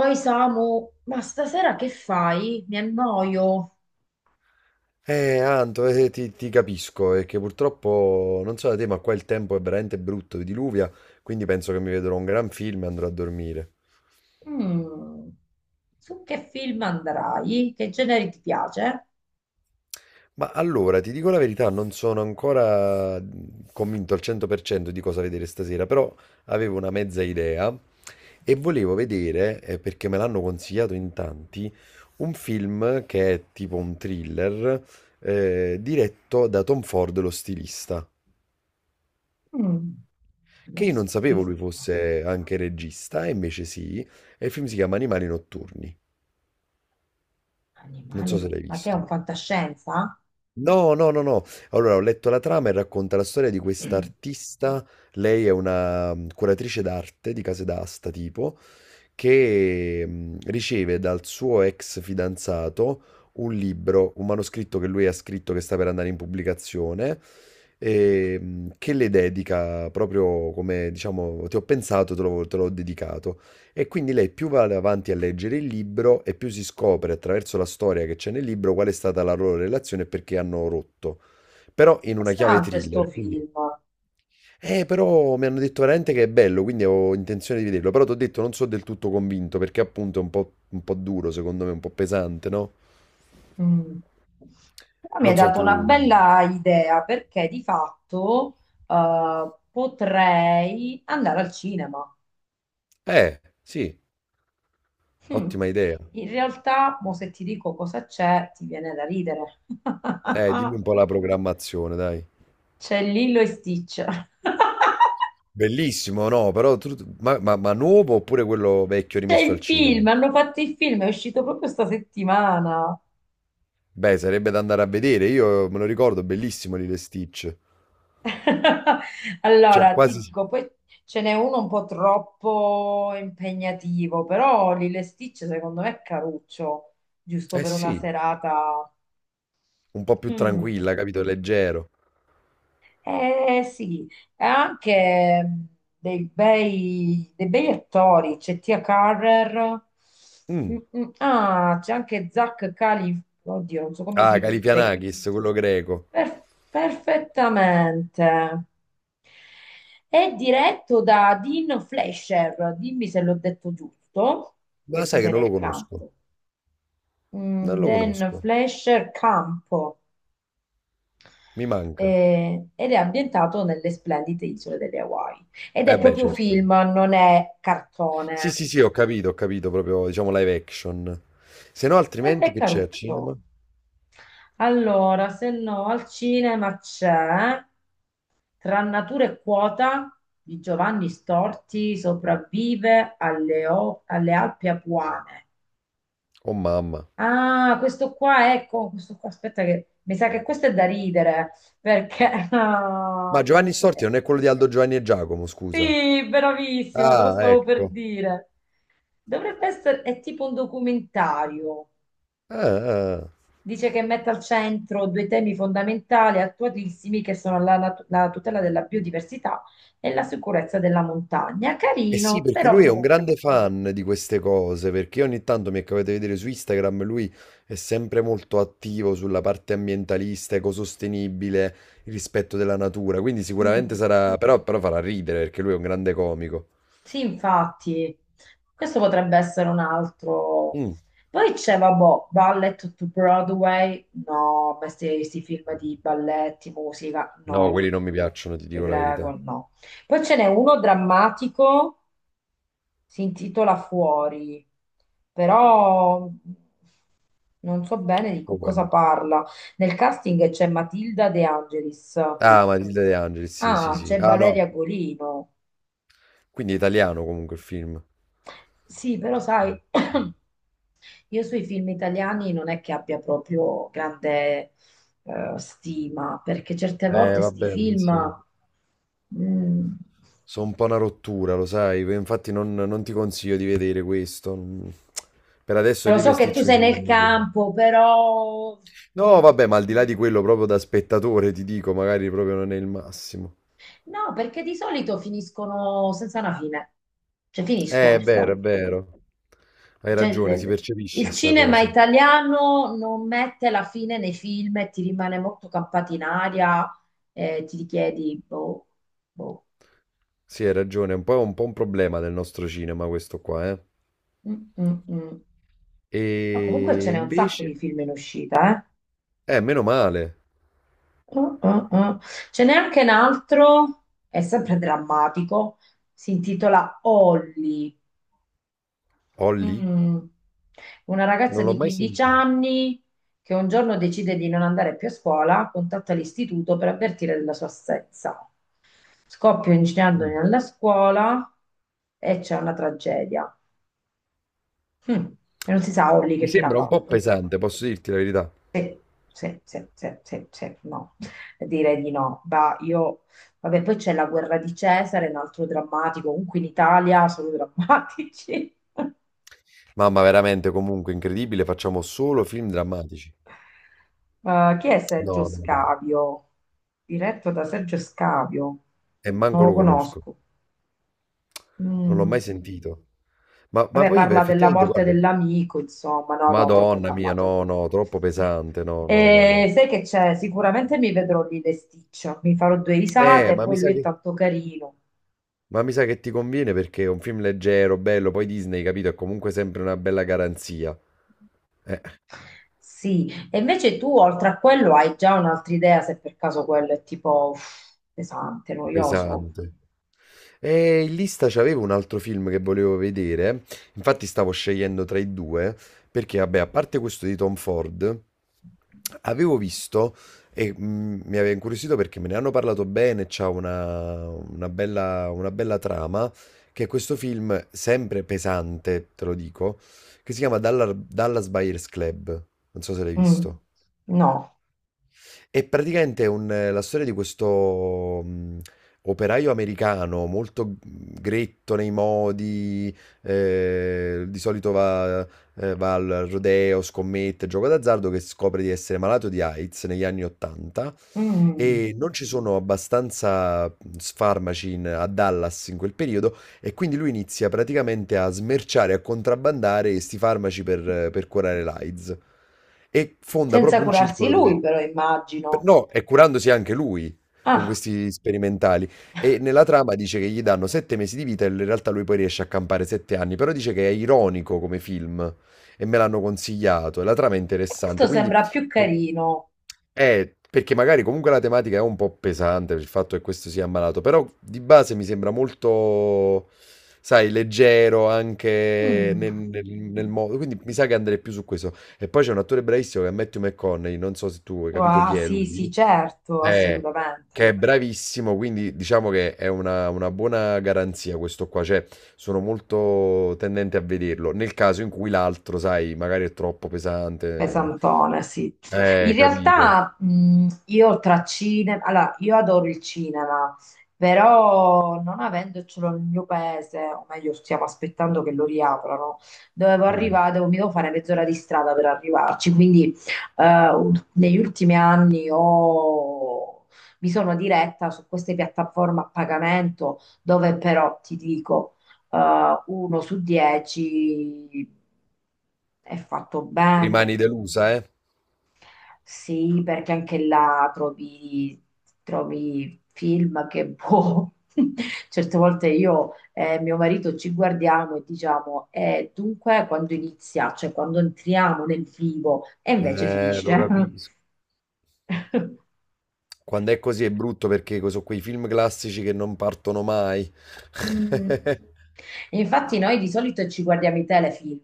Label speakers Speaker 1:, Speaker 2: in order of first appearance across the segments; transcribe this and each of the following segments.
Speaker 1: Oi Samu, ma stasera che fai? Mi annoio.
Speaker 2: Anto, ti capisco, è che purtroppo, non so da te, ma qua il tempo è veramente brutto, diluvia, quindi penso che mi vedrò un gran film e andrò a dormire.
Speaker 1: Mm. Su che film andrai? Che genere ti piace?
Speaker 2: Ma allora, ti dico la verità, non sono ancora convinto al 100% di cosa vedere stasera, però avevo una mezza idea e volevo vedere, perché me l'hanno consigliato in tanti, un film che è tipo un thriller, diretto da Tom Ford, lo stilista.
Speaker 1: Mm.
Speaker 2: Che
Speaker 1: Non
Speaker 2: io
Speaker 1: si
Speaker 2: non sapevo lui
Speaker 1: vista.
Speaker 2: fosse anche regista, e invece sì, e il film si chiama Animali notturni, non
Speaker 1: Animali,
Speaker 2: so se l'hai
Speaker 1: ma che è
Speaker 2: visto.
Speaker 1: un fantascienza?
Speaker 2: No, no, no, no. Allora, ho letto la trama e racconta la storia di questa artista. Lei è una curatrice d'arte di case d'asta, tipo, che riceve dal suo ex fidanzato un libro, un manoscritto che lui ha scritto che sta per andare in pubblicazione, e, che le dedica proprio come, diciamo, ti ho pensato, te l'ho dedicato. E quindi lei più va avanti a leggere il libro e più si scopre attraverso la storia che c'è nel libro qual è stata la loro relazione e perché hanno rotto. Però in una chiave
Speaker 1: Interessante sto
Speaker 2: thriller, quindi.
Speaker 1: film.
Speaker 2: Però mi hanno detto veramente che è bello, quindi ho intenzione di vederlo. Però ti ho detto, non sono del tutto convinto, perché appunto è un po' duro, secondo me, un po' pesante, no?
Speaker 1: Mm. Però mi hai
Speaker 2: Non so,
Speaker 1: dato
Speaker 2: tu.
Speaker 1: una bella idea perché di fatto potrei andare al cinema.
Speaker 2: Sì,
Speaker 1: Mm.
Speaker 2: ottima idea.
Speaker 1: In realtà, mo se ti dico cosa c'è, ti viene da ridere.
Speaker 2: Dimmi un po' la programmazione, dai.
Speaker 1: C'è Lillo e Stitch.
Speaker 2: Bellissimo, no, però. Ma nuovo oppure quello vecchio
Speaker 1: C'è
Speaker 2: rimesso al
Speaker 1: il
Speaker 2: cinema?
Speaker 1: film, hanno fatto il film, è uscito proprio sta settimana.
Speaker 2: Beh, sarebbe da andare a vedere, io me lo ricordo, bellissimo Lilo e Stitch. Cioè,
Speaker 1: Allora, ti
Speaker 2: quasi.
Speaker 1: dico, poi ce n'è uno un po' troppo impegnativo, però Lilo e Stitch secondo me è caruccio, giusto
Speaker 2: Eh
Speaker 1: per una
Speaker 2: sì,
Speaker 1: serata.
Speaker 2: un po' più tranquilla,
Speaker 1: Mm.
Speaker 2: capito? Leggero.
Speaker 1: Eh sì, e anche dei bei attori, c'è Tia Carrer. Mm,
Speaker 2: Mm.
Speaker 1: mm, ah, c'è anche Zach Cali, oddio, non so come
Speaker 2: Ah,
Speaker 1: si dice.
Speaker 2: Calipianakis, quello greco.
Speaker 1: Perfettamente. È diretto da Dean Flesher, dimmi se l'ho detto giusto, che
Speaker 2: Ma
Speaker 1: tu
Speaker 2: sai che
Speaker 1: sei
Speaker 2: non lo
Speaker 1: nel
Speaker 2: conosco,
Speaker 1: campo.
Speaker 2: non
Speaker 1: Mm,
Speaker 2: lo
Speaker 1: Dan
Speaker 2: conosco,
Speaker 1: Flesher Campo.
Speaker 2: mi manca.
Speaker 1: Ed è ambientato nelle splendide isole delle Hawaii. Ed
Speaker 2: Eh
Speaker 1: è
Speaker 2: beh,
Speaker 1: proprio
Speaker 2: certo.
Speaker 1: film, non è
Speaker 2: Sì,
Speaker 1: cartone.
Speaker 2: sì, sì, ho capito, proprio, diciamo, live action. Se no,
Speaker 1: Ed
Speaker 2: altrimenti
Speaker 1: è
Speaker 2: che c'è al cinema?
Speaker 1: caruccio. Allora, se no, al cinema c'è Tra natura e quota di Giovanni Storti, sopravvive alle, alle Alpi Apuane.
Speaker 2: Oh mamma.
Speaker 1: Ah, questo qua, ecco, questo qua, aspetta che mi sa che questo è da ridere, perché
Speaker 2: Ma
Speaker 1: ah.
Speaker 2: Giovanni Storti non è quello di Aldo Giovanni e Giacomo, scusa.
Speaker 1: Sì, bravissimo, te lo
Speaker 2: Ah,
Speaker 1: stavo per
Speaker 2: ecco.
Speaker 1: dire. Dovrebbe essere, è tipo un documentario.
Speaker 2: Ah, ah.
Speaker 1: Dice che mette al centro due temi fondamentali, attualissimi, che sono la tutela della biodiversità e la sicurezza della montagna.
Speaker 2: Eh sì,
Speaker 1: Carino,
Speaker 2: perché
Speaker 1: però
Speaker 2: lui è un
Speaker 1: boh.
Speaker 2: grande fan di queste cose, perché ogni tanto mi è capitato di vedere su Instagram, lui è sempre molto attivo sulla parte ambientalista, ecosostenibile, il rispetto della natura, quindi sicuramente
Speaker 1: Mm.
Speaker 2: sarà, però farà ridere perché lui è un grande comico.
Speaker 1: Sì, infatti, questo potrebbe essere un altro.
Speaker 2: Mm.
Speaker 1: Poi c'è, vabbè, Ballet to Broadway. No, ma questi film di balletti, musica,
Speaker 2: No,
Speaker 1: no.
Speaker 2: quelli non mi piacciono, ti
Speaker 1: Ti
Speaker 2: dico la verità.
Speaker 1: prego, no. Poi ce n'è uno drammatico, si intitola Fuori, però non so bene di
Speaker 2: Fuori.
Speaker 1: cosa parla. Nel casting c'è Matilda De Angelis.
Speaker 2: Ah, Matilde De Angelis, sì, sì,
Speaker 1: Ah,
Speaker 2: sì.
Speaker 1: c'è
Speaker 2: Ah,
Speaker 1: Valeria
Speaker 2: no.
Speaker 1: Golino.
Speaker 2: Quindi è italiano comunque il film.
Speaker 1: Sì, però
Speaker 2: Sì,
Speaker 1: sai,
Speaker 2: sì.
Speaker 1: io sui film italiani non è che abbia proprio grande stima, perché certe volte
Speaker 2: Va
Speaker 1: sti
Speaker 2: bene, sì.
Speaker 1: film... mm.
Speaker 2: Sono un po' una rottura, lo sai, infatti non ti consiglio di vedere questo. Per adesso
Speaker 1: Lo
Speaker 2: Lilo e
Speaker 1: so che tu
Speaker 2: Stitch mi
Speaker 1: sei
Speaker 2: sembra il
Speaker 1: nel
Speaker 2: migliore.
Speaker 1: campo, però...
Speaker 2: No,
Speaker 1: mm.
Speaker 2: vabbè, ma al di là di quello, proprio da spettatore ti dico, magari proprio non è il massimo.
Speaker 1: No, perché di solito finiscono senza una fine. Cioè finiscono,
Speaker 2: È vero,
Speaker 1: stop.
Speaker 2: è vero. Hai
Speaker 1: Cioè,
Speaker 2: ragione, si
Speaker 1: il
Speaker 2: percepisce sta
Speaker 1: cinema
Speaker 2: cosa.
Speaker 1: italiano non mette la fine nei film e ti rimane molto campato in aria e ti richiedi, boh, boh.
Speaker 2: Sì, hai ragione, è un po', un po' un problema del nostro cinema questo qua, eh.
Speaker 1: Mm, mm, mm. Ma comunque ce
Speaker 2: E
Speaker 1: n'è un sacco di
Speaker 2: invece.
Speaker 1: film in uscita, eh?
Speaker 2: Meno male.
Speaker 1: Mm, mm, mm. Ce n'è anche un altro, è sempre drammatico, si intitola Holly.
Speaker 2: Holly?
Speaker 1: Mm. Una ragazza
Speaker 2: Non l'ho
Speaker 1: di
Speaker 2: mai
Speaker 1: 15
Speaker 2: sentito.
Speaker 1: anni che un giorno decide di non andare più a scuola, contatta l'istituto per avvertire della sua assenza. Scoppia un incendio
Speaker 2: Mm.
Speaker 1: nella scuola e c'è una tragedia. Mm. E non si sa Olli
Speaker 2: Mi
Speaker 1: che fine ha
Speaker 2: sembra un po'
Speaker 1: fatto.
Speaker 2: pesante, posso dirti la verità.
Speaker 1: Sì, sì, sì, sì, sì, sì, no. Direi di no. Bah, io... Vabbè, poi c'è la guerra di Cesare, un altro drammatico, comunque in Italia sono drammatici.
Speaker 2: Mamma, veramente, comunque, incredibile, facciamo
Speaker 1: Eh,
Speaker 2: solo film drammatici.
Speaker 1: chi è Sergio
Speaker 2: No, no, no.
Speaker 1: Scavio? Diretto da Sergio Scavio.
Speaker 2: E
Speaker 1: Non
Speaker 2: manco
Speaker 1: lo
Speaker 2: lo conosco,
Speaker 1: conosco.
Speaker 2: non l'ho
Speaker 1: Mm.
Speaker 2: mai sentito. Ma
Speaker 1: Vabbè,
Speaker 2: poi, beh,
Speaker 1: parla della
Speaker 2: effettivamente,
Speaker 1: morte
Speaker 2: guarda,
Speaker 1: dell'amico, insomma, no, no, troppo
Speaker 2: Madonna mia,
Speaker 1: drammatico.
Speaker 2: no, no, troppo pesante, no, no, no, no.
Speaker 1: E sai che c'è? Sicuramente mi vedrò lì le Stitch, mi farò due
Speaker 2: Eh,
Speaker 1: risate,
Speaker 2: ma mi
Speaker 1: poi lui
Speaker 2: sa
Speaker 1: è
Speaker 2: che,
Speaker 1: tanto carino.
Speaker 2: ma mi sa che ti conviene perché è un film leggero, bello, poi Disney, capito, è comunque sempre una bella garanzia. Eh,
Speaker 1: Sì, e invece tu oltre a quello hai già un'altra idea se per caso quello è tipo uff, pesante, noioso.
Speaker 2: pesante. E in lista c'avevo un altro film che volevo vedere, infatti stavo scegliendo tra i due, perché, vabbè, a parte questo di Tom Ford. Avevo visto e mi aveva incuriosito perché me ne hanno parlato bene, c'ha una bella trama, che è questo film sempre pesante, te lo dico, che si chiama Dallas Buyers Club. Non so se l'hai
Speaker 1: Mm,
Speaker 2: visto.
Speaker 1: no.
Speaker 2: E praticamente è la storia di questo operaio americano molto gretto nei modi, di solito va al rodeo, scommette, gioco d'azzardo, che scopre di essere malato di AIDS negli anni 80
Speaker 1: Mm.
Speaker 2: e non ci sono abbastanza farmaci a Dallas in quel periodo e quindi lui inizia praticamente a smerciare, a contrabbandare questi farmaci per curare l'AIDS e fonda
Speaker 1: Senza
Speaker 2: proprio un
Speaker 1: curarsi
Speaker 2: circolo
Speaker 1: lui,
Speaker 2: dove.
Speaker 1: però immagino.
Speaker 2: No, e curandosi anche lui con
Speaker 1: Ah,
Speaker 2: questi sperimentali. E nella trama dice che gli danno 7 mesi di vita e in realtà lui poi riesce a campare 7 anni, però dice che è ironico come film e me l'hanno consigliato e la trama è interessante,
Speaker 1: questo
Speaker 2: quindi.
Speaker 1: sembra più carino.
Speaker 2: Perché magari comunque la tematica è un po' pesante per il fatto che questo sia ammalato, però di base mi sembra molto, sai, leggero anche
Speaker 1: Mm.
Speaker 2: nel modo, quindi mi sa che andrei più su questo. E poi c'è un attore bravissimo che è Matthew McConaughey, non so se tu hai capito
Speaker 1: Ah,
Speaker 2: chi è
Speaker 1: sì,
Speaker 2: lui,
Speaker 1: sì, certo,
Speaker 2: eh,
Speaker 1: assolutamente.
Speaker 2: che è bravissimo, quindi diciamo che è una buona garanzia questo qua, cioè sono molto tendente a vederlo, nel caso in cui l'altro, sai, magari è troppo pesante,
Speaker 1: Pesantone, sì. In
Speaker 2: capito.
Speaker 1: realtà io tra cinema, allora io adoro il cinema, però non avendocelo nel mio paese, o meglio stiamo aspettando che lo riaprano, dovevo
Speaker 2: Mm.
Speaker 1: arrivare, devo, mi devo fare mezz'ora di strada per arrivarci, quindi negli ultimi anni mi sono diretta su queste piattaforme a pagamento dove però ti dico 1 su 10 è fatto bene.
Speaker 2: Rimani delusa, eh?
Speaker 1: Sì, perché anche là trovi, trovi film che boh. Certe volte io e mio marito ci guardiamo e diciamo, dunque quando inizia, cioè quando entriamo nel vivo, e invece
Speaker 2: Lo
Speaker 1: finisce.
Speaker 2: capisco. Quando è così è brutto perché sono quei film classici che non partono mai.
Speaker 1: Mm. Infatti noi di solito ci guardiamo i telefilm.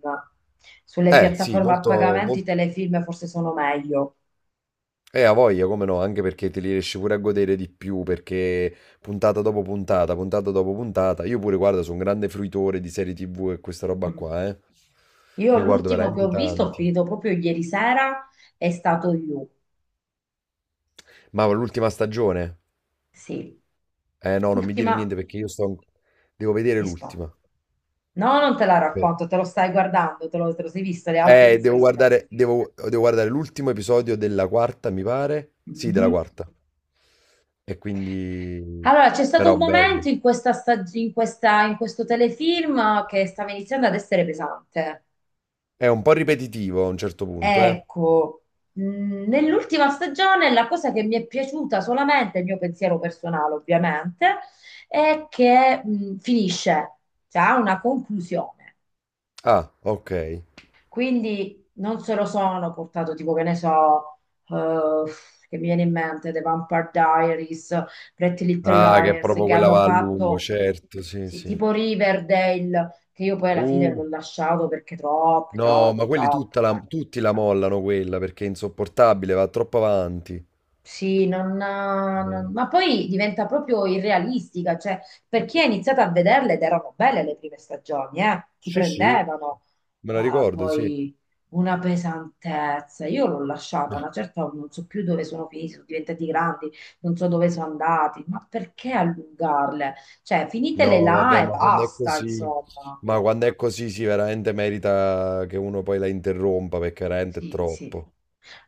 Speaker 1: Sulle
Speaker 2: Sì,
Speaker 1: piattaforme a
Speaker 2: molto,
Speaker 1: pagamento i
Speaker 2: molto.
Speaker 1: telefilm forse sono meglio.
Speaker 2: Ha voglia, come no, anche perché te li riesci pure a godere di più, perché puntata dopo puntata, io pure, guarda, sono un grande fruitore di serie TV e questa roba
Speaker 1: Mm.
Speaker 2: qua, eh.
Speaker 1: Io
Speaker 2: Ne guardo
Speaker 1: l'ultimo che
Speaker 2: veramente
Speaker 1: ho visto, ho
Speaker 2: tanti.
Speaker 1: finito proprio ieri sera, è stato You.
Speaker 2: Ma l'ultima stagione?
Speaker 1: Sì,
Speaker 2: Eh no, non mi dire
Speaker 1: l'ultima
Speaker 2: niente perché io sto. Devo vedere
Speaker 1: e sto.
Speaker 2: l'ultima.
Speaker 1: No, non te la
Speaker 2: Per-
Speaker 1: racconto, te lo stai guardando, te lo sei visto, le altre te le sei
Speaker 2: Devo
Speaker 1: viste.
Speaker 2: guardare, devo, devo guardare l'ultimo episodio della quarta, mi pare. Sì, della
Speaker 1: Mhm.
Speaker 2: quarta. E quindi.
Speaker 1: Allora, c'è stato un
Speaker 2: Però bello.
Speaker 1: momento in questa stag- in questa- in questo telefilm che stava iniziando ad essere pesante.
Speaker 2: È un po' ripetitivo a un certo punto, eh.
Speaker 1: Ecco, nell'ultima stagione la cosa che mi è piaciuta solamente, il mio pensiero personale ovviamente, è che finisce, cioè ha una conclusione.
Speaker 2: Ah, ok.
Speaker 1: Quindi non se lo sono portato tipo che ne so, eh, che mi viene in mente The Vampire Diaries, Pretty Little
Speaker 2: Ah, che è
Speaker 1: Liars,
Speaker 2: proprio
Speaker 1: che
Speaker 2: quella
Speaker 1: hanno
Speaker 2: va a lungo,
Speaker 1: fatto
Speaker 2: certo, sì,
Speaker 1: sì,
Speaker 2: sì.
Speaker 1: tipo Riverdale, che io poi alla fine
Speaker 2: Uh,
Speaker 1: l'ho lasciato perché troppe,
Speaker 2: no, ma
Speaker 1: troppe,
Speaker 2: quelli
Speaker 1: troppe,
Speaker 2: tutta
Speaker 1: cioè
Speaker 2: tutti la mollano quella perché è insopportabile, va troppo avanti.
Speaker 1: sì,
Speaker 2: Eh,
Speaker 1: ma poi diventa proprio irrealistica, cioè per chi ha iniziato a vederle ed erano belle le prime stagioni, ti
Speaker 2: sì, sì,
Speaker 1: prendevano.
Speaker 2: me la
Speaker 1: Ah,
Speaker 2: ricordo, sì.
Speaker 1: poi una pesantezza, io l'ho lasciata, una certa non so più dove sono finiti, sono diventati grandi, non so dove sono andati, ma perché allungarle? Cioè finitele
Speaker 2: No,
Speaker 1: là
Speaker 2: vabbè,
Speaker 1: e
Speaker 2: ma quando è
Speaker 1: basta,
Speaker 2: così,
Speaker 1: insomma,
Speaker 2: ma quando è così, sì, veramente merita che uno poi la interrompa perché veramente è
Speaker 1: sì, sì.
Speaker 2: troppo.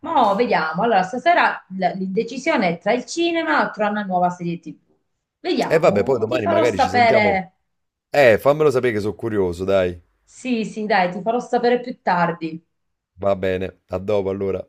Speaker 1: Mo' vediamo. Allora, stasera l'indecisione è tra il cinema o tra una nuova serie TV.
Speaker 2: E vabbè, poi
Speaker 1: Vediamo, ti
Speaker 2: domani
Speaker 1: farò
Speaker 2: magari ci sentiamo.
Speaker 1: sapere.
Speaker 2: Fammelo sapere che sono curioso, dai.
Speaker 1: Sì, sì, dai, ti farò sapere più tardi.
Speaker 2: Va bene, a dopo allora.